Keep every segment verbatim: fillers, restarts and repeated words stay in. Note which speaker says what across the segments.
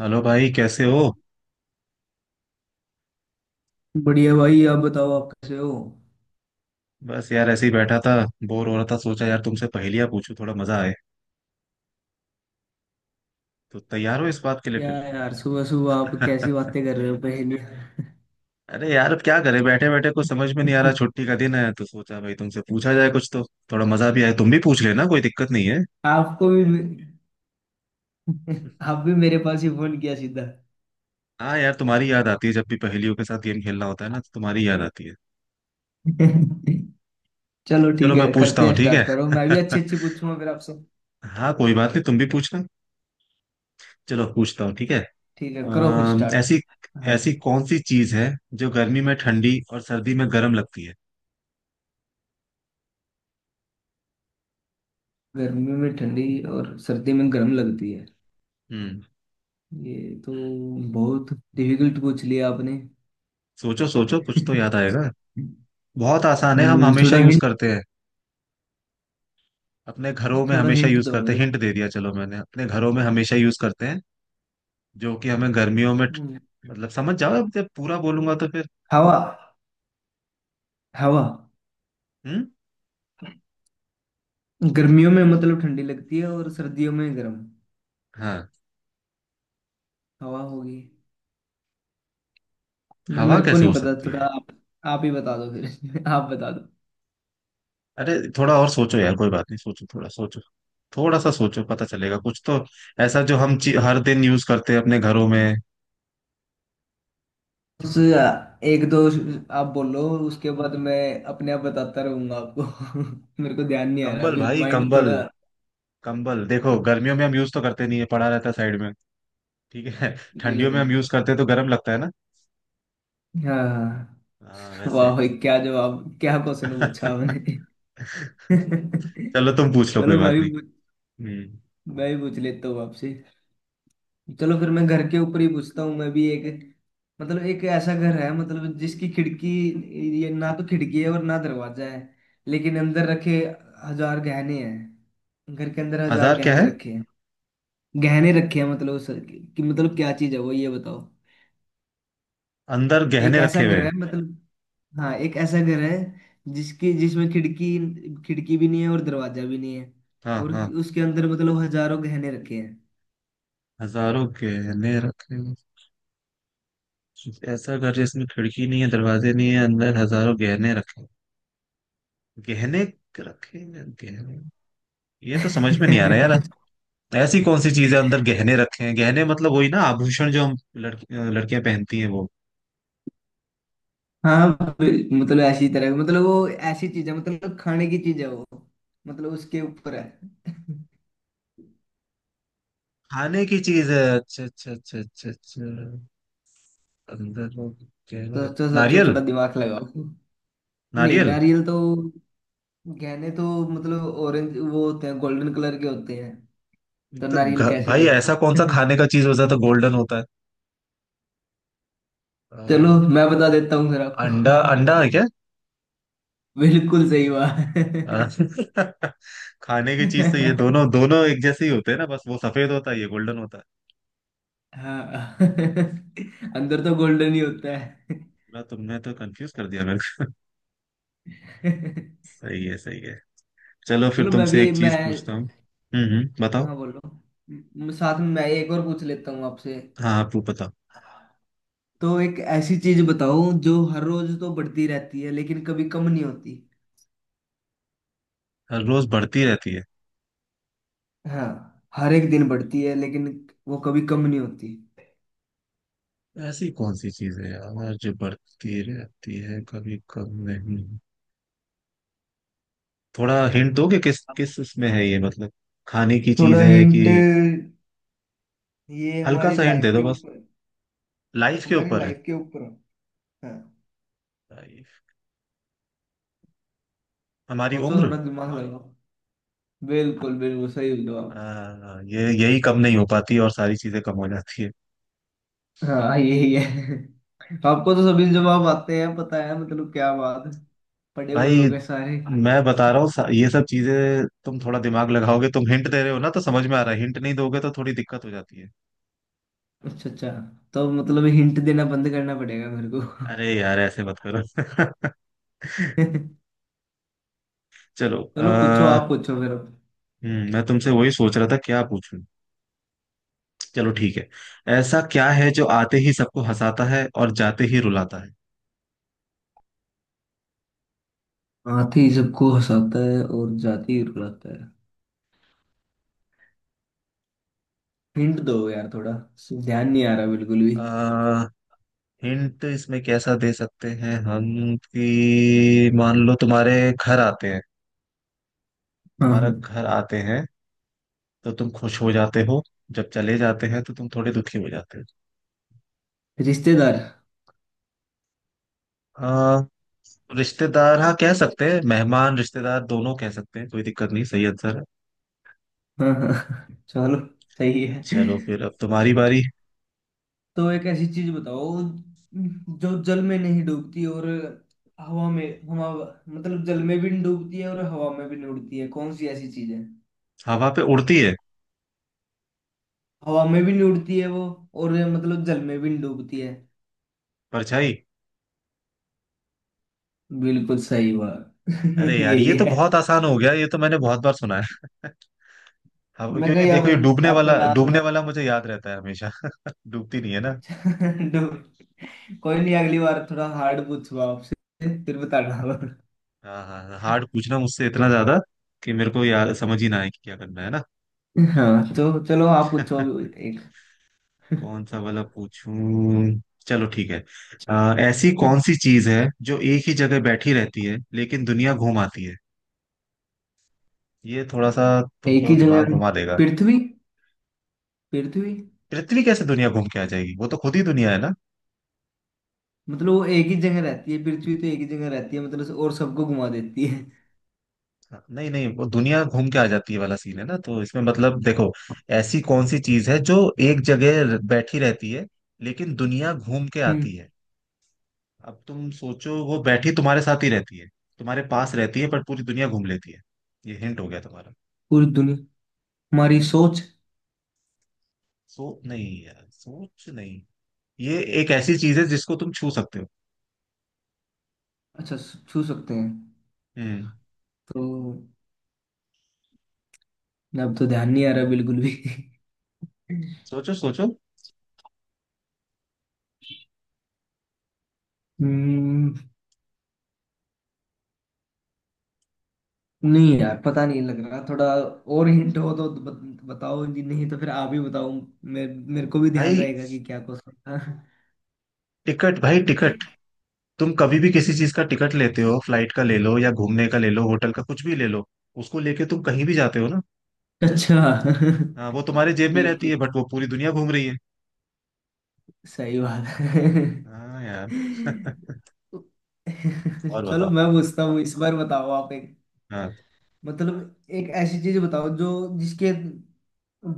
Speaker 1: Hello भाई कैसे हो।
Speaker 2: बढ़िया भाई, आप बताओ, आप कैसे हो?
Speaker 1: बस यार ऐसे ही बैठा था। बोर हो रहा था, सोचा यार तुमसे पहेलियां पूछूं थोड़ा मजा आए। तो तैयार हो इस बात के लिए
Speaker 2: या
Speaker 1: फिर?
Speaker 2: यार, सुबह सुबह आप कैसी बातें कर रहे हो, पहेली?
Speaker 1: अरे यार अब क्या करें, बैठे बैठे कुछ समझ में नहीं आ रहा, छुट्टी का दिन है तो सोचा भाई तुमसे पूछा जाए कुछ तो। थोड़ा मजा भी आए, तुम भी पूछ लेना, कोई दिक्कत नहीं है।
Speaker 2: आपको भी। आप भी मेरे पास ही फोन किया सीधा।
Speaker 1: हाँ यार तुम्हारी याद आती है, जब भी पहेलियों के साथ गेम खेलना होता है ना तो तुम्हारी याद आती है।
Speaker 2: चलो ठीक
Speaker 1: चलो मैं
Speaker 2: है,
Speaker 1: पूछता
Speaker 2: करते
Speaker 1: हूँ,
Speaker 2: हैं।
Speaker 1: ठीक
Speaker 2: स्टार्ट
Speaker 1: है।
Speaker 2: करो, मैं भी अच्छी अच्छी पूछूंगा फिर आपसे।
Speaker 1: हाँ कोई बात नहीं, तुम भी पूछना। चलो पूछता हूँ, ठीक है।
Speaker 2: ठीक है, करो फिर
Speaker 1: अम,
Speaker 2: स्टार्ट।
Speaker 1: ऐसी
Speaker 2: हाँ।
Speaker 1: ऐसी कौन सी चीज है जो गर्मी में ठंडी और सर्दी में गर्म लगती है?
Speaker 2: गर्मी में ठंडी और सर्दी में गर्म लगती है?
Speaker 1: हम्म।
Speaker 2: ये तो बहुत डिफिकल्ट पूछ लिया आपने।
Speaker 1: सोचो सोचो कुछ तो याद आएगा। बहुत आसान है, हम
Speaker 2: हम्म,
Speaker 1: हमेशा
Speaker 2: थोड़ा
Speaker 1: यूज
Speaker 2: हिंट।
Speaker 1: करते हैं। अपने घरों में
Speaker 2: थोड़ा
Speaker 1: हमेशा
Speaker 2: हिंट
Speaker 1: यूज
Speaker 2: दो
Speaker 1: करते हैं,
Speaker 2: मेरे को।
Speaker 1: हिंट दे दिया, चलो मैंने अपने घरों में हमेशा यूज करते हैं। जो कि हमें गर्मियों में ठ-
Speaker 2: हम्म,
Speaker 1: मतलब समझ जाओ, अब जब पूरा बोलूंगा तो फिर।
Speaker 2: हवा। हवा।
Speaker 1: हम्म।
Speaker 2: गर्मियों में मतलब ठंडी लगती है और सर्दियों में गर्म?
Speaker 1: हाँ।
Speaker 2: हवा होगी।
Speaker 1: हवा
Speaker 2: मेरे को
Speaker 1: कैसे
Speaker 2: नहीं
Speaker 1: हो
Speaker 2: पता,
Speaker 1: सकती
Speaker 2: थोड़ा
Speaker 1: है?
Speaker 2: आप। आप ही बता दो फिर। आप बता दो।
Speaker 1: अरे थोड़ा और सोचो यार, कोई बात नहीं, सोचो थोड़ा सोचो। थोड़ा सा सोचो, पता चलेगा कुछ तो। ऐसा जो हम ची- हर दिन यूज करते हैं अपने घरों में।
Speaker 2: उस, एक दो आप बोलो, उसके बाद मैं अपने आप बताता रहूंगा आपको। मेरे को ध्यान नहीं आ रहा
Speaker 1: कंबल
Speaker 2: अभी,
Speaker 1: भाई
Speaker 2: माइंड
Speaker 1: कंबल।
Speaker 2: थोड़ा।
Speaker 1: कंबल देखो, गर्मियों में हम यूज तो करते नहीं है, पड़ा रहता है साइड में। ठीक है। ठंडियों में
Speaker 2: बिल्कुल।
Speaker 1: हम यूज करते हैं तो गर्म लगता है ना।
Speaker 2: हाँ हाँ।
Speaker 1: हाँ वैसे।
Speaker 2: वाह भाई, क्या जवाब, क्या क्वेश्चन पूछा आपने।
Speaker 1: चलो तुम पूछ लो, कोई
Speaker 2: चलो, मैं
Speaker 1: बात नहीं।
Speaker 2: भी
Speaker 1: हम्म।
Speaker 2: मैं भी पूछ लेता हूँ आपसे। चलो फिर, मैं घर के ऊपर ही पूछता हूँ मैं भी एक। मतलब एक ऐसा घर है, मतलब जिसकी खिड़की, ये ना तो खिड़की है और ना दरवाजा है, लेकिन अंदर रखे हजार गहने हैं। घर के अंदर हजार
Speaker 1: हजार क्या
Speaker 2: गहने
Speaker 1: है?
Speaker 2: रखे हैं। गहने रखे हैं, मतलब उस कि मतलब क्या चीज है वो, ये बताओ।
Speaker 1: अंदर
Speaker 2: एक
Speaker 1: गहने
Speaker 2: ऐसा
Speaker 1: रखे हुए
Speaker 2: घर
Speaker 1: हैं?
Speaker 2: है मतलब। हाँ, एक ऐसा घर है जिसकी जिसमें खिड़की, खिड़की भी नहीं है और दरवाजा भी नहीं है।
Speaker 1: हाँ
Speaker 2: और
Speaker 1: हाँ।
Speaker 2: उसके अंदर मतलब हजारों गहने रखे हैं।
Speaker 1: हजारों गहने रखे हुए हैं। ऐसा घर जिसमें खिड़की नहीं है, दरवाजे नहीं है, अंदर हजारों गहने रखे, गहने रखे हैं, गहने। ये तो समझ में नहीं आ रहा यार। ऐसी कौन सी चीजें अंदर गहने रखे हैं? गहने मतलब वही ना, आभूषण जो हम लड़की लड़कियां पहनती हैं वो?
Speaker 2: हाँ। ब- मतलब ऐसी तरह, मतलब वो ऐसी चीज है, मतलब खाने की चीज है वो। मतलब उसके ऊपर है।
Speaker 1: खाने की चीज है? अच्छा अच्छा अच्छा अच्छा अच्छा। अंदर वो
Speaker 2: तो
Speaker 1: गहने।
Speaker 2: सोचो सोचो,
Speaker 1: नारियल
Speaker 2: थोड़ा दिमाग लगाओ। नहीं,
Speaker 1: नारियल?
Speaker 2: नारियल तो, गहने तो, मतलब ऑरेंज वो होते हैं, गोल्डन कलर के होते हैं, तो
Speaker 1: तो
Speaker 2: नारियल
Speaker 1: घ-
Speaker 2: कैसे
Speaker 1: भाई
Speaker 2: होएगा।
Speaker 1: ऐसा कौन सा खाने का चीज होता है तो गोल्डन होता है?
Speaker 2: चलो,
Speaker 1: अ,
Speaker 2: मैं बता देता हूँ फिर
Speaker 1: अंडा?
Speaker 2: आपको।
Speaker 1: अंडा है क्या?
Speaker 2: बिल्कुल सही
Speaker 1: अ,
Speaker 2: बात।
Speaker 1: खाने की चीज तो, ये दोनों दोनों एक जैसे ही होते हैं ना, बस वो सफेद होता है ये गोल्डन होता है।
Speaker 2: हाँ। अंदर तो गोल्डन ही होता है।
Speaker 1: पूरा तुमने तो कंफ्यूज कर दिया मेरे को। सही है सही है। चलो फिर
Speaker 2: चलो, मैं
Speaker 1: तुमसे
Speaker 2: भी,
Speaker 1: एक
Speaker 2: मैं।
Speaker 1: चीज पूछता हूँ। हम्म हम्म बताओ।
Speaker 2: हाँ, बोलो। म- साथ में मैं एक और पूछ लेता हूँ आपसे।
Speaker 1: हाँ आप वो बताओ।
Speaker 2: तो एक ऐसी चीज बताओ जो हर रोज तो बढ़ती रहती है, लेकिन कभी कम नहीं होती।
Speaker 1: हर रोज बढ़ती रहती है?
Speaker 2: हाँ, हर एक दिन बढ़ती है, लेकिन वो कभी कम नहीं होती।
Speaker 1: ऐसी कौन सी चीज है यार जो बढ़ती रहती है कभी कम नहीं? थोड़ा हिंट दोगे, किस किस इसमें है ये, मतलब खाने की चीज
Speaker 2: थोड़ा
Speaker 1: है कि?
Speaker 2: हिंट, ये
Speaker 1: हल्का
Speaker 2: हमारी
Speaker 1: सा हिंट
Speaker 2: लाइफ
Speaker 1: दे दो
Speaker 2: के
Speaker 1: बस।
Speaker 2: ऊपर।
Speaker 1: लाइफ के
Speaker 2: हमारी
Speaker 1: ऊपर है?
Speaker 2: लाइफ के ऊपर है। हाँ।
Speaker 1: लाइफ, हमारी
Speaker 2: सोचो,
Speaker 1: उम्र।
Speaker 2: थोड़ा दिमाग लगाओ। बिल्कुल बिल्कुल सही जवाब।
Speaker 1: आ, ये यही कम नहीं हो पाती और सारी चीजें कम हो जाती है।
Speaker 2: हाँ, यही है। आपको तो सभी जवाब आते हैं, पता है, मतलब क्या बात है। पढ़े हुए
Speaker 1: भाई
Speaker 2: हो गए सारे।
Speaker 1: मैं बता रहा हूँ सा- ये सब चीजें तुम थोड़ा दिमाग लगाओगे, तुम हिंट दे रहे हो ना तो समझ में आ रहा है, हिंट नहीं दोगे तो थोड़ी दिक्कत हो जाती है।
Speaker 2: अच्छा अच्छा, तो मतलब हिंट देना बंद करना पड़ेगा मेरे को।
Speaker 1: अरे यार ऐसे मत करो। चलो आ,
Speaker 2: चलो पूछो, आप पूछो फिर अब।
Speaker 1: मैं तुमसे वही सोच रहा था क्या पूछूं। चलो ठीक है। ऐसा क्या है जो आते ही सबको हंसाता है और जाते ही रुलाता है?
Speaker 2: हाथी सबको हंसाता है और जाति रुलाता है? हिंट दो यार थोड़ा, ध्यान नहीं आ रहा बिल्कुल भी।
Speaker 1: आ, हिंट इसमें कैसा दे सकते हैं हम, कि मान लो तुम्हारे घर आते हैं,
Speaker 2: हाँ
Speaker 1: तुम्हारा
Speaker 2: हाँ।
Speaker 1: घर आते हैं तो तुम खुश हो जाते हो, जब चले जाते हैं तो तुम थोड़े दुखी हो जाते हो।
Speaker 2: रिश्तेदार।
Speaker 1: आ, रिश्तेदार? हाँ कह सकते हैं, मेहमान रिश्तेदार दोनों कह सकते हैं, कोई दिक्कत नहीं, सही आंसर है।
Speaker 2: हाँ हाँ, चलो। सही है।
Speaker 1: चलो फिर अब तुम्हारी बारी।
Speaker 2: तो एक ऐसी चीज बताओ, जो जल में नहीं डूबती और हवा में, हवा, मतलब जल में भी नहीं डूबती है और हवा में भी नहीं उड़ती है। कौन सी ऐसी चीज है?
Speaker 1: हवा पे उड़ती है?
Speaker 2: हवा में भी नहीं उड़ती है वो, और मतलब जल में भी नहीं डूबती है।
Speaker 1: परछाई।
Speaker 2: बिल्कुल सही बात।
Speaker 1: अरे यार
Speaker 2: यही
Speaker 1: ये तो
Speaker 2: है।
Speaker 1: बहुत आसान हो गया, ये तो मैंने बहुत बार सुना है। अब
Speaker 2: मैं
Speaker 1: क्योंकि
Speaker 2: कहीं आप,
Speaker 1: देखो ये डूबने
Speaker 2: आपको
Speaker 1: वाला
Speaker 2: ना सुना।
Speaker 1: डूबने वाला मुझे याद रहता है हमेशा। डूबती नहीं है ना।
Speaker 2: डो- कोई नहीं, अगली बार थोड़ा हार्ड पूछूंगा आपसे, फिर बताना।
Speaker 1: हाँ हाँ हाँ, हार्ड पूछना मुझसे इतना ज्यादा कि मेरे को याद समझ ही ना आए कि क्या करना है ना।
Speaker 2: हाँ, तो चलो, आप पूछो अभी एक।
Speaker 1: कौन सा वाला पूछूं? चलो ठीक है। आ, ऐसी कौन सी चीज है जो एक ही जगह बैठी रहती है लेकिन दुनिया घूम आती है? ये थोड़ा सा
Speaker 2: एक
Speaker 1: तुमको
Speaker 2: ही
Speaker 1: दिमाग
Speaker 2: जगह,
Speaker 1: घुमा देगा।
Speaker 2: पृथ्वी। पृथ्वी।
Speaker 1: पृथ्वी कैसे दुनिया घूम के आ जाएगी, वो तो खुद ही दुनिया है ना।
Speaker 2: मतलब वो एक ही जगह रहती है, पृथ्वी तो एक ही जगह रहती है, मतलब और सबको घुमा देती है।
Speaker 1: नहीं नहीं, वो दुनिया घूम के आ जाती है वाला सीन है ना, तो इसमें मतलब देखो, ऐसी कौन सी चीज है जो एक जगह बैठी रहती है लेकिन दुनिया घूम के
Speaker 2: हम्म।
Speaker 1: आती है। अब तुम सोचो, वो बैठी तुम्हारे साथ ही रहती है, तुम्हारे पास रहती है पर पूरी दुनिया घूम लेती है। ये हिंट हो गया तुम्हारा।
Speaker 2: पूरी दुनिया, हमारी सोच।
Speaker 1: सो नहीं यार, सोच नहीं। ये एक ऐसी चीज है जिसको तुम छू सकते हो।
Speaker 2: अच्छा, छू सकते हैं।
Speaker 1: हम्म।
Speaker 2: तो अब तो ध्यान नहीं आ रहा बिल्कुल भी।
Speaker 1: सोचो सोचो।
Speaker 2: हम्म। नहीं यार, पता नहीं लग रहा थोड़ा। और हिंट हो तो बत- बताओ जी, नहीं तो फिर आप ही बताओ। मेरे मेरे को भी ध्यान
Speaker 1: भाई
Speaker 2: रहेगा कि क्या क्वेश्चन था।
Speaker 1: टिकट भाई टिकट। तुम कभी भी किसी चीज का टिकट लेते हो, फ्लाइट का ले लो या घूमने का ले लो, होटल का कुछ भी ले लो, उसको लेके तुम कहीं भी जाते हो ना।
Speaker 2: अच्छा।
Speaker 1: हाँ वो तुम्हारे जेब में
Speaker 2: ठीक
Speaker 1: रहती है,
Speaker 2: ठीक,
Speaker 1: बट वो पूरी दुनिया घूम रही है।
Speaker 2: सही बात है।
Speaker 1: हाँ यार। और
Speaker 2: चलो,
Speaker 1: बताओ।
Speaker 2: मैं पूछता हूँ इस बार, बताओ आप एक।
Speaker 1: हाँ।
Speaker 2: मतलब एक ऐसी चीज बताओ जो जिसके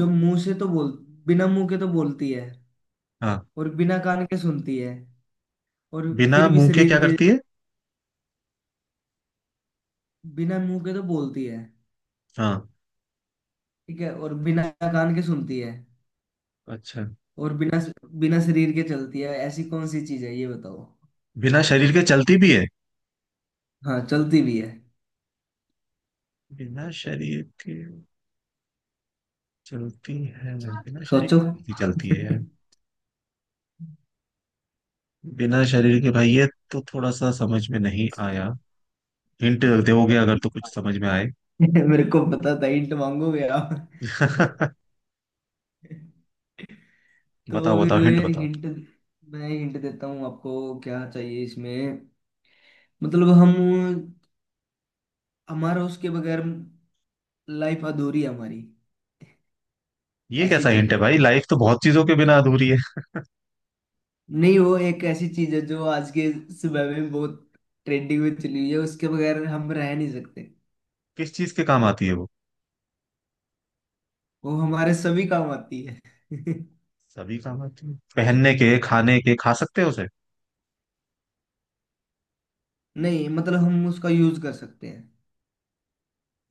Speaker 2: जो मुंह से तो बोल बिना मुंह के तो बोलती है
Speaker 1: हाँ।
Speaker 2: और बिना कान के सुनती है। और
Speaker 1: बिना
Speaker 2: फिर भी
Speaker 1: मुंह के
Speaker 2: शरीर
Speaker 1: क्या
Speaker 2: के
Speaker 1: करती है?
Speaker 2: बिना मुंह के तो बोलती है।
Speaker 1: हाँ।
Speaker 2: ठीक है, और बिना कान के सुनती है।
Speaker 1: अच्छा।
Speaker 2: और बिना बिना शरीर के चलती है। ऐसी कौन सी चीज है, ये बताओ।
Speaker 1: बिना शरीर के चलती भी है?
Speaker 2: हाँ, चलती भी है।
Speaker 1: बिना शरीर के चलती है। बिना शरीर
Speaker 2: सोचो।
Speaker 1: के कौन सी चलती है यार? बिना शरीर के भाई, ये तो थोड़ा सा समझ में नहीं आया। हिंट दोगे अगर तो कुछ समझ में आए।
Speaker 2: मेरे को पता था हिंट मांगोगे आप। तो
Speaker 1: बताओ
Speaker 2: फिर
Speaker 1: बताओ हिंट बताओ।
Speaker 2: हिंट, मैं हिंट देता हूँ आपको, क्या चाहिए इसमें। मतलब हम हमारा, उसके बगैर लाइफ अधूरी है हमारी।
Speaker 1: ये
Speaker 2: ऐसी
Speaker 1: कैसा
Speaker 2: चीज
Speaker 1: हिंट है
Speaker 2: है।
Speaker 1: भाई, लाइफ तो बहुत चीजों के बिना अधूरी है।
Speaker 2: नहीं, वो एक ऐसी चीज है जो आज के समय में बहुत ट्रेंडिंग में चली हुई है, उसके बगैर हम रह नहीं सकते।
Speaker 1: किस चीज के काम आती है वो?
Speaker 2: वो हमारे सभी काम आती है।
Speaker 1: सभी काम आती है, पहनने के, खाने के, खा सकते हैं उसे?
Speaker 2: नहीं, मतलब हम उसका यूज कर सकते हैं।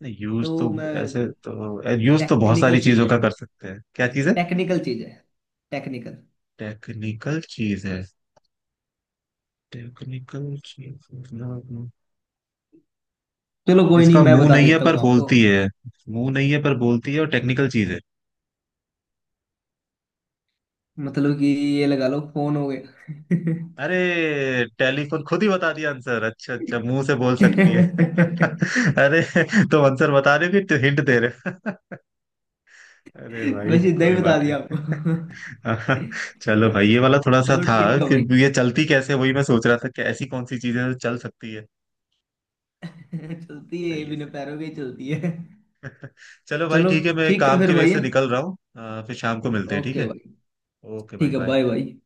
Speaker 1: नहीं यूज तो,
Speaker 2: तो मैं,
Speaker 1: ऐसे तो यूज तो बहुत सारी
Speaker 2: टेक्निकल चीज
Speaker 1: चीजों
Speaker 2: है,
Speaker 1: का कर सकते हैं, क्या चीज है?
Speaker 2: टेक्निकल चीज है, टेक्निकल।
Speaker 1: टेक्निकल चीज है? टेक्निकल चीज मतलब?
Speaker 2: चलो कोई नहीं,
Speaker 1: जिसका
Speaker 2: मैं
Speaker 1: मुंह
Speaker 2: बता
Speaker 1: नहीं है
Speaker 2: देता
Speaker 1: पर
Speaker 2: हूँ आपको।
Speaker 1: बोलती है। मुंह नहीं है पर बोलती है और टेक्निकल चीज है।
Speaker 2: मतलब कि ये, लगा लो फोन हो गया।
Speaker 1: अरे टेलीफोन, खुद ही बता दिया आंसर, अच्छा अच्छा मुंह से बोल सकती है। अरे तुम आंसर बता रहे हो कि हिंट दे रहे हो? अरे भाई
Speaker 2: बस इतना ही
Speaker 1: कोई
Speaker 2: बता
Speaker 1: बात
Speaker 2: दिया आपको।
Speaker 1: नहीं। चलो भाई ये वाला थोड़ा सा
Speaker 2: चलो,
Speaker 1: था।
Speaker 2: ठीक है
Speaker 1: फिर
Speaker 2: भाई।
Speaker 1: भी ये चलती कैसे, वही मैं सोच रहा था कि ऐसी कौन सी चीजें जो चल सकती है।
Speaker 2: चलती है, ये
Speaker 1: सही है
Speaker 2: बिना
Speaker 1: सही।
Speaker 2: पैरों के ही चलती है।
Speaker 1: चलो भाई
Speaker 2: चलो,
Speaker 1: ठीक है, मैं
Speaker 2: ठीक है
Speaker 1: काम
Speaker 2: फिर
Speaker 1: की वजह
Speaker 2: भाई।
Speaker 1: से निकल रहा हूँ, अ, फिर शाम को
Speaker 2: ठीक
Speaker 1: मिलते
Speaker 2: है,
Speaker 1: हैं, ठीक
Speaker 2: ओके
Speaker 1: है।
Speaker 2: भाई।
Speaker 1: ओके भाई
Speaker 2: ठीक है,
Speaker 1: बाय।
Speaker 2: बाय भाई।